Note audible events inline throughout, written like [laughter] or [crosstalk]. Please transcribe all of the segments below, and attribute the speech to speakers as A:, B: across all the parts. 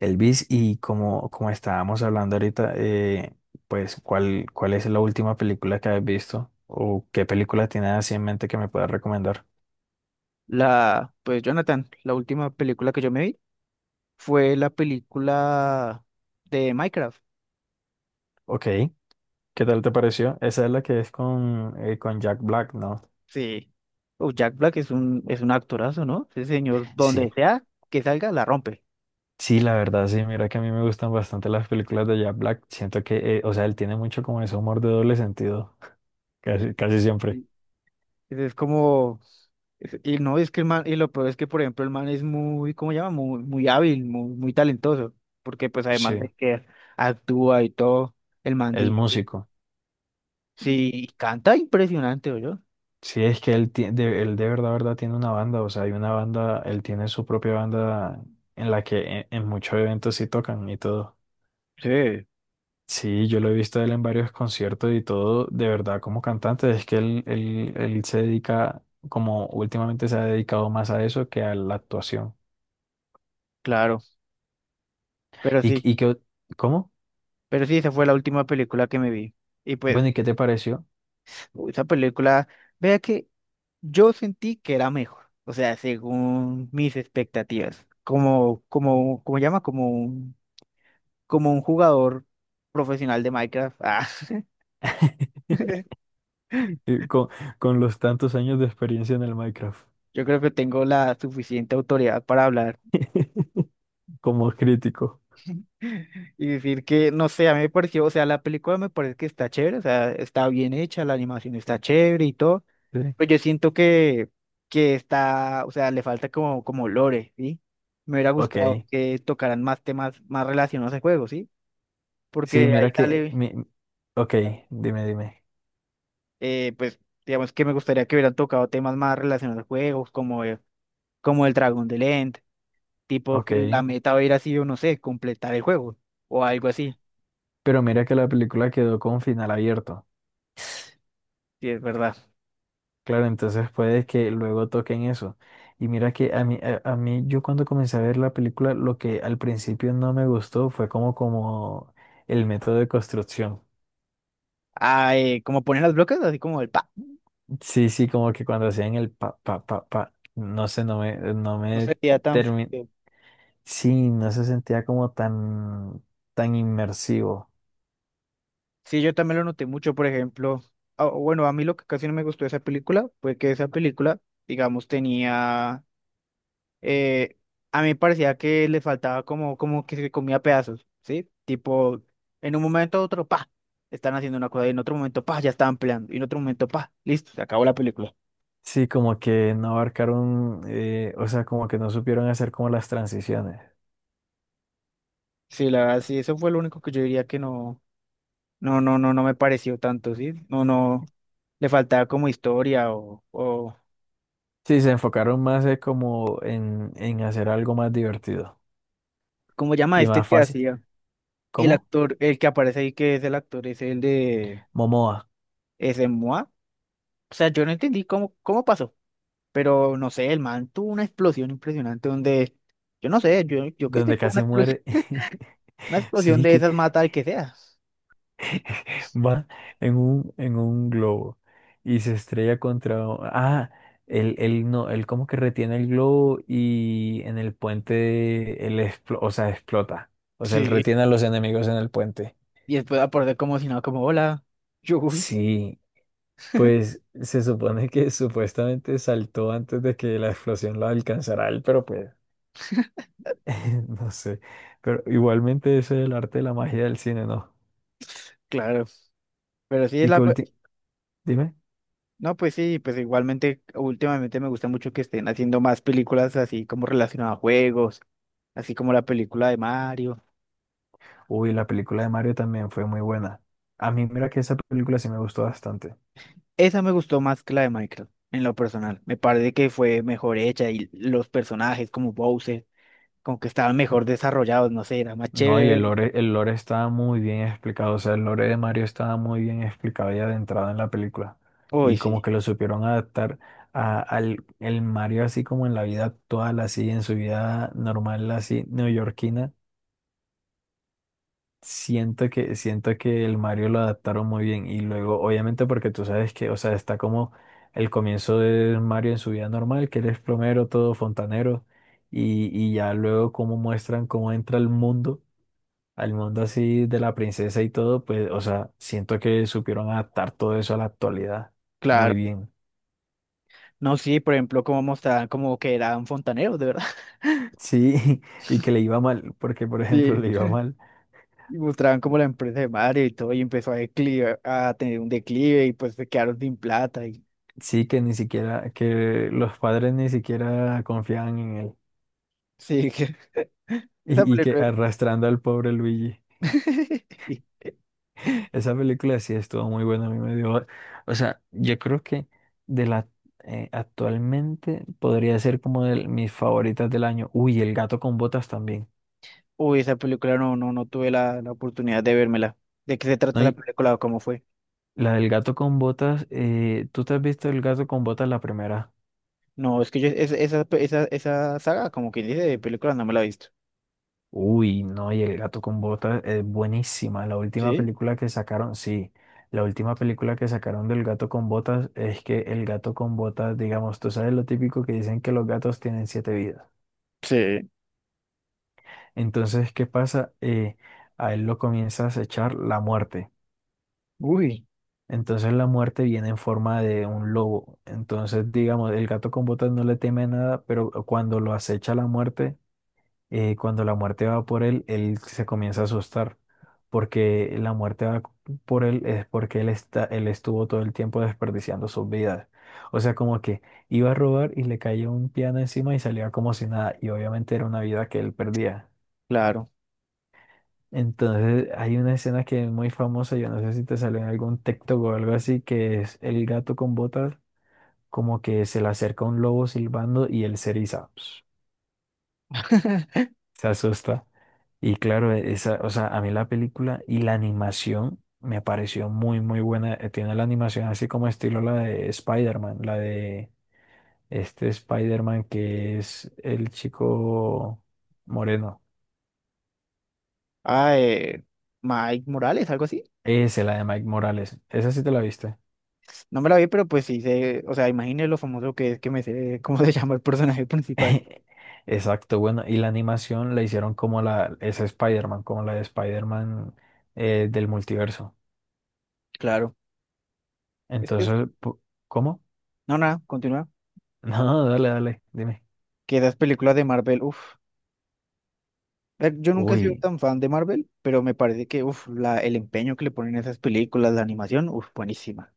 A: Elvis, y como estábamos hablando ahorita, pues, ¿cuál es la última película que has visto? ¿O qué película tienes así en mente que me puedas recomendar?
B: Pues, Jonathan, la última película que yo me vi fue la película de Minecraft.
A: Ok, ¿qué tal te pareció? Esa es la que es con Jack Black, ¿no?
B: Sí. Oh, Jack Black es un actorazo, ¿no? Ese señor, donde
A: Sí,
B: sea que salga, la rompe.
A: sí, la verdad, sí, mira que a mí me gustan bastante las películas de Jack Black. Siento que, o sea, él tiene mucho como ese humor de doble sentido, [laughs] casi siempre.
B: Y es como, y no es que el man, y lo peor es que, por ejemplo, el man es muy, ¿cómo se llama? Muy, muy hábil, muy, muy talentoso. Porque pues además
A: Sí,
B: de que actúa y todo, el man
A: es
B: di-
A: músico.
B: sí, canta impresionante. Yo
A: Sí, es que él de verdad tiene una banda, o sea, hay una banda, él tiene su propia banda en la que en muchos eventos sí tocan y todo.
B: Sí,
A: Sí, yo lo he visto a él en varios conciertos y todo, de verdad, como cantante, es que él se dedica, como últimamente se ha dedicado más a eso que a la actuación.
B: claro, pero
A: ¿Y,
B: sí.
A: y qué, cómo?
B: Pero sí, esa fue la última película que me vi. Y
A: Bueno,
B: pues,
A: ¿y qué te pareció
B: esa película, vea que yo sentí que era mejor. O sea, según mis expectativas. Como, como, como un jugador profesional de Minecraft. Ah, [laughs]
A: [laughs] con, con los tantos años de experiencia en el Minecraft
B: yo creo que tengo la suficiente autoridad para hablar
A: [laughs] como crítico?
B: y decir que, no sé, a mí me pareció, o sea, la película me parece que está chévere, o sea, está bien hecha, la animación está chévere y todo.
A: Sí.
B: Pues yo siento que, o sea, le falta como, lore, ¿sí? Me hubiera gustado
A: Ok.
B: que tocaran más temas más relacionados al juego, ¿sí?
A: Sí,
B: Porque ahí
A: mira que...
B: sale,
A: Mi... Ok, dime.
B: eh, pues, digamos que me gustaría que hubieran tocado temas más relacionados al juego, como, como el dragón de End, tipo que la
A: Ok.
B: meta hubiera sido, no sé, completar el juego o algo así.
A: Pero mira que la película quedó con final abierto.
B: Sí, es verdad.
A: Claro, entonces puede que luego toquen eso. Y mira que a mí, yo cuando comencé a ver la película, lo que al principio no me gustó fue como el método de construcción.
B: Ah, como ponen las bloques, así como el pa.
A: Sí, sí, como que cuando hacían el pa, pa, pa, pa, no sé,
B: No sería tan
A: termi-
B: feo.
A: Sí, no se sentía como tan inmersivo.
B: Sí, yo también lo noté mucho, por ejemplo, ah, bueno, a mí lo que casi no me gustó de esa película fue que esa película, digamos, eh, a mí me parecía que le faltaba como, que se comía pedazos, ¿sí? Tipo, en un momento u otro, pa, están haciendo una cosa, y en otro momento, pa, ya estaban peleando, y en otro momento, pa, listo, se acabó la película.
A: Sí, como que no abarcaron, o sea, como que no supieron hacer como las transiciones.
B: Sí, la verdad, sí, eso fue lo único que yo diría que no me pareció tanto, ¿sí? No, no, le faltaba como historia
A: Sí, se enfocaron más como en hacer algo más divertido
B: ¿cómo llama
A: y
B: este
A: más
B: que
A: fácil.
B: hacía? El
A: ¿Cómo?
B: actor, el que aparece ahí, que es el actor, es el de,
A: Momoa,
B: es de Moa. O sea, yo no entendí cómo pasó, pero no sé, el man tuvo una explosión impresionante donde, yo no sé, yo qué sé,
A: donde
B: fue una
A: casi
B: explosión,
A: muere. [laughs] Sí,
B: de
A: que
B: esas mata al que sea.
A: va en un globo y se estrella contra... o- Ah, él no, él como que retiene el globo y en el puente, él explo- o sea, explota. O sea, él
B: Sí.
A: retiene a los enemigos en el puente.
B: Y después aparece como si no, como hola. [laughs] Uy,
A: Sí, pues se supone que supuestamente saltó antes de que la explosión lo alcanzara a él, pero pues [laughs] no sé. Pero igualmente ese es el arte de la magia del cine, ¿no?
B: claro. Pero sí,
A: Y que ulti- dime,
B: no, pues sí, pues igualmente, últimamente me gusta mucho que estén haciendo más películas así como relacionadas a juegos, así como la película de Mario.
A: uy, la película de Mario también fue muy buena. A mí mira que esa película sí me gustó bastante.
B: Esa me gustó más que la de Minecraft, en lo personal. Me parece que fue mejor hecha y los personajes como Bowser, como que estaban mejor desarrollados, no sé, era más
A: No,
B: chévere
A: y el lore, el lore estaba muy bien explicado, o sea, el lore de Mario estaba muy bien explicado ya de entrada en la película.
B: Uy,
A: Y como
B: sí,
A: que lo supieron adaptar a- al el Mario así como en la vida actual, así en su vida normal, así neoyorquina. Siento que el Mario lo adaptaron muy bien. Y luego, obviamente, porque tú sabes que, o sea, está como el comienzo de Mario en su vida normal, que él es plomero, todo fontanero. Y ya luego cómo muestran cómo entra el mundo al mundo así de la princesa y todo, pues, o sea, siento que supieron adaptar todo eso a la actualidad muy
B: claro.
A: bien.
B: No, sí, por ejemplo, como mostraban como que eran fontaneros, de verdad. [laughs]
A: Sí, [laughs] y que le iba mal, porque por ejemplo
B: Sí,
A: le iba mal.
B: y mostraban como la empresa de Mario y todo, y empezó a declive, a tener un declive y pues se quedaron sin plata y
A: Sí, que ni siquiera, que los padres ni siquiera confiaban en él.
B: sí, que [laughs] esa
A: Y que
B: película.
A: arrastrando al pobre Luigi.
B: [laughs] y-
A: Esa película sí estuvo muy buena, a mí me dio. O sea, yo creo que de la actualmente podría ser como de mis favoritas del año. Uy, el gato con botas también.
B: Uy, esa película no tuve la oportunidad de vérmela. ¿De qué se trata
A: ¿No?
B: esa
A: Y
B: película o cómo fue?
A: la del gato con botas, ¿tú te has visto el gato con botas la primera?
B: No, es que yo esa saga, como quien dice, de películas no me la he visto.
A: Uy, no, y el gato con botas es buenísima. La última
B: ¿Sí?
A: película que sacaron, sí, la última película que sacaron del gato con botas es que el gato con botas, digamos, tú sabes lo típico que dicen que los gatos tienen 7 vidas.
B: Sí.
A: Entonces, ¿qué pasa? A él lo comienza a acechar la muerte.
B: Uy,
A: Entonces la muerte viene en forma de un lobo. Entonces, digamos, el gato con botas no le teme nada, pero cuando lo acecha la muerte cuando la muerte va por él, él se comienza a asustar, porque la muerte va por él es porque él estuvo todo el tiempo desperdiciando sus vidas. O sea, como que iba a robar y le caía un piano encima y salía como si nada, y obviamente era una vida que él perdía.
B: claro.
A: Entonces hay una escena que es muy famosa, yo no sé si te salió en algún TikTok o algo así, que es el gato con botas, como que se le acerca un lobo silbando y él se eriza. Se asusta. Y claro, esa, o sea, a mí la película y la animación me pareció muy buena. Tiene la animación así como estilo la de Spider-Man, la de este Spider-Man que es el chico moreno.
B: Ah, Mike Morales, algo así.
A: Ese, la de Mike Morales. Esa sí te la viste.
B: No me la vi, pero pues sí sé, o sea, imagínese lo famoso que es que me sé [laughs] cómo se llama el personaje principal.
A: [laughs] Exacto, bueno, y la animación la hicieron como la, esa Spider-Man, como la de Spider-Man del multiverso.
B: Claro. Es que, es-
A: Entonces, pu- ¿cómo? [laughs]
B: no, nada, continúa.
A: No, dale, dime.
B: Que esas películas de Marvel, uff. Yo nunca he sido
A: Uy.
B: tan fan de Marvel, pero me parece que, uff, el empeño que le ponen a esas películas, la animación, uff, buenísima.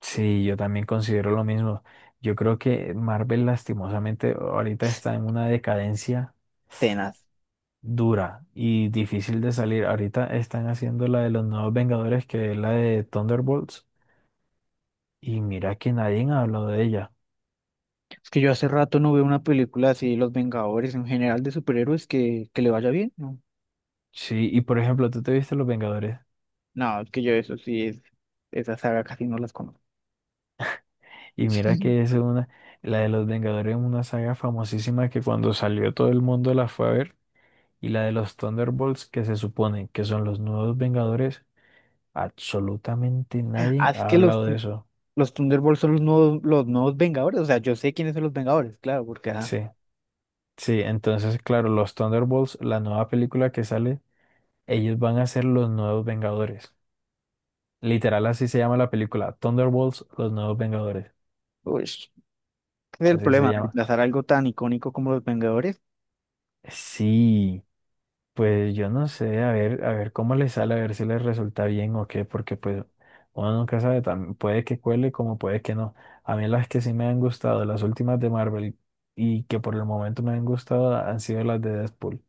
A: Sí, yo también considero lo mismo. Yo creo que Marvel lastimosamente ahorita está en una decadencia
B: Tenaz.
A: dura y difícil de salir. Ahorita están haciendo la de los nuevos Vengadores, que es la de Thunderbolts, y mira que nadie ha hablado de ella.
B: Es que yo hace rato no veo una película así de los Vengadores en general de superhéroes que le vaya bien, ¿no?
A: Sí, y por ejemplo, tú te viste Los Vengadores,
B: No, es que yo eso sí es, esa saga casi no las conozco.
A: y mira que es
B: [laughs]
A: una, la de los Vengadores es una saga famosísima que cuando salió todo el mundo la fue a ver, y la de los Thunderbolts, que se supone que son los nuevos Vengadores. Absolutamente nadie
B: Ah, es
A: ha
B: que los,
A: hablado de eso.
B: los Thunderbolts son los nuevos, Vengadores, o sea, yo sé quiénes son los Vengadores, claro,
A: Sí, sí, entonces, claro, los Thunderbolts, la nueva película que sale, ellos van a ser los nuevos Vengadores. Literal, así se llama la película, Thunderbolts, los nuevos Vengadores.
B: uy, ese es el
A: Así se
B: problema,
A: llama.
B: reemplazar algo tan icónico como los Vengadores.
A: Sí, pues yo no sé, a ver cómo les sale, a ver si les resulta bien o qué, porque pues uno nunca sabe, también puede que cuele como puede que no. A mí las que sí me han gustado, las últimas de Marvel y que por el momento me han gustado, han sido las de Deadpool.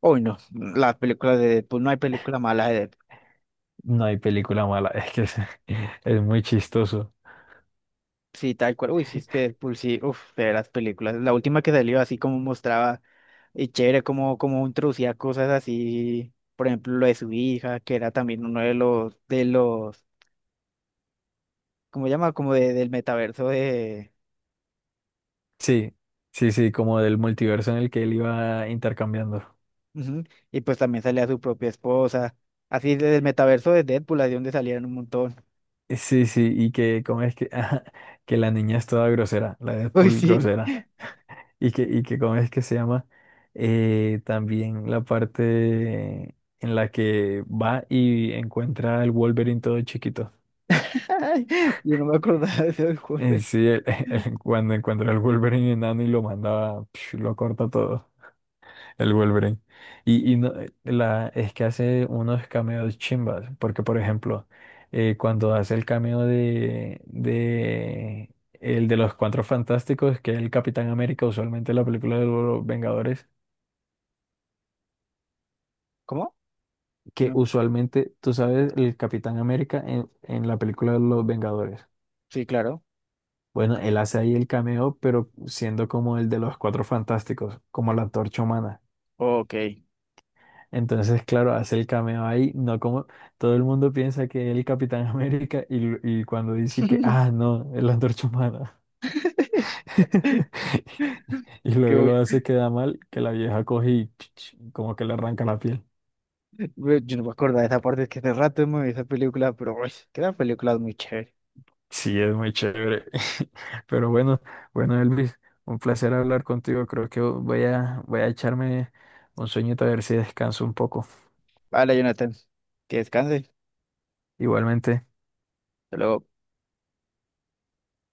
B: Hoy no, las películas de Deadpool, no hay película mala de Deadpool.
A: No hay película mala, [laughs] es que es, [laughs] es muy chistoso.
B: Sí, tal cual. Uy, sí, es que Deadpool, sí, uf, de las películas. La última que salió así como mostraba, y chévere, como, introducía cosas así, por ejemplo, lo de su hija, que era también uno de los, ¿cómo se llama? Como de, del metaverso de...
A: Sí, sí, como del multiverso en el que él iba intercambiando.
B: Ujú, y pues también salía su propia esposa. Así del metaverso de Deadpool, así donde salían un montón.
A: Sí, y que cómo es que, [laughs] ajá, que la niña es toda grosera, la
B: Uy,
A: Deadpool
B: sí.
A: grosera. Y que cómo es que se llama también la parte en la que va y encuentra al Wolverine todo chiquito.
B: [laughs] Yo no me acordaba de ese juego.
A: En sí, el- [laughs] el- cuando encuentra al Wolverine enano y lo manda, psh, lo corta todo. El Wolverine. La, es que hace unos cameos chimbas, porque por ejemplo, cuando hace el cameo de el de los Cuatro Fantásticos, que es el Capitán América, usualmente en la película de los Vengadores,
B: ¿Cómo?
A: que
B: No.
A: usualmente, tú sabes, el Capitán América en la película de los Vengadores.
B: Sí, claro.
A: Bueno, él hace ahí el cameo, pero siendo como el de los Cuatro Fantásticos, como la Antorcha Humana.
B: Ok.
A: Entonces, claro, hace el cameo ahí, no como todo el mundo piensa que es el Capitán [laughs] América y, l- y cuando dice que, ah, no, es la Antorcha Humana.
B: [laughs]
A: [laughs] Y
B: Qué
A: luego lo hace queda mal, que la vieja coge y [tsk] como que le arranca la piel.
B: güey, yo no me acuerdo de esa parte, es que hace rato hemos visto esa película, pero uy, quedan película muy chévere.
A: Sí, es muy chévere. [laughs] Pero bueno, bueno, Elvis, un placer hablar contigo. Creo que voy a echarme un sueñito a ver si descanso un poco.
B: Vale, Jonathan, que descanse.
A: Igualmente.
B: Hasta luego.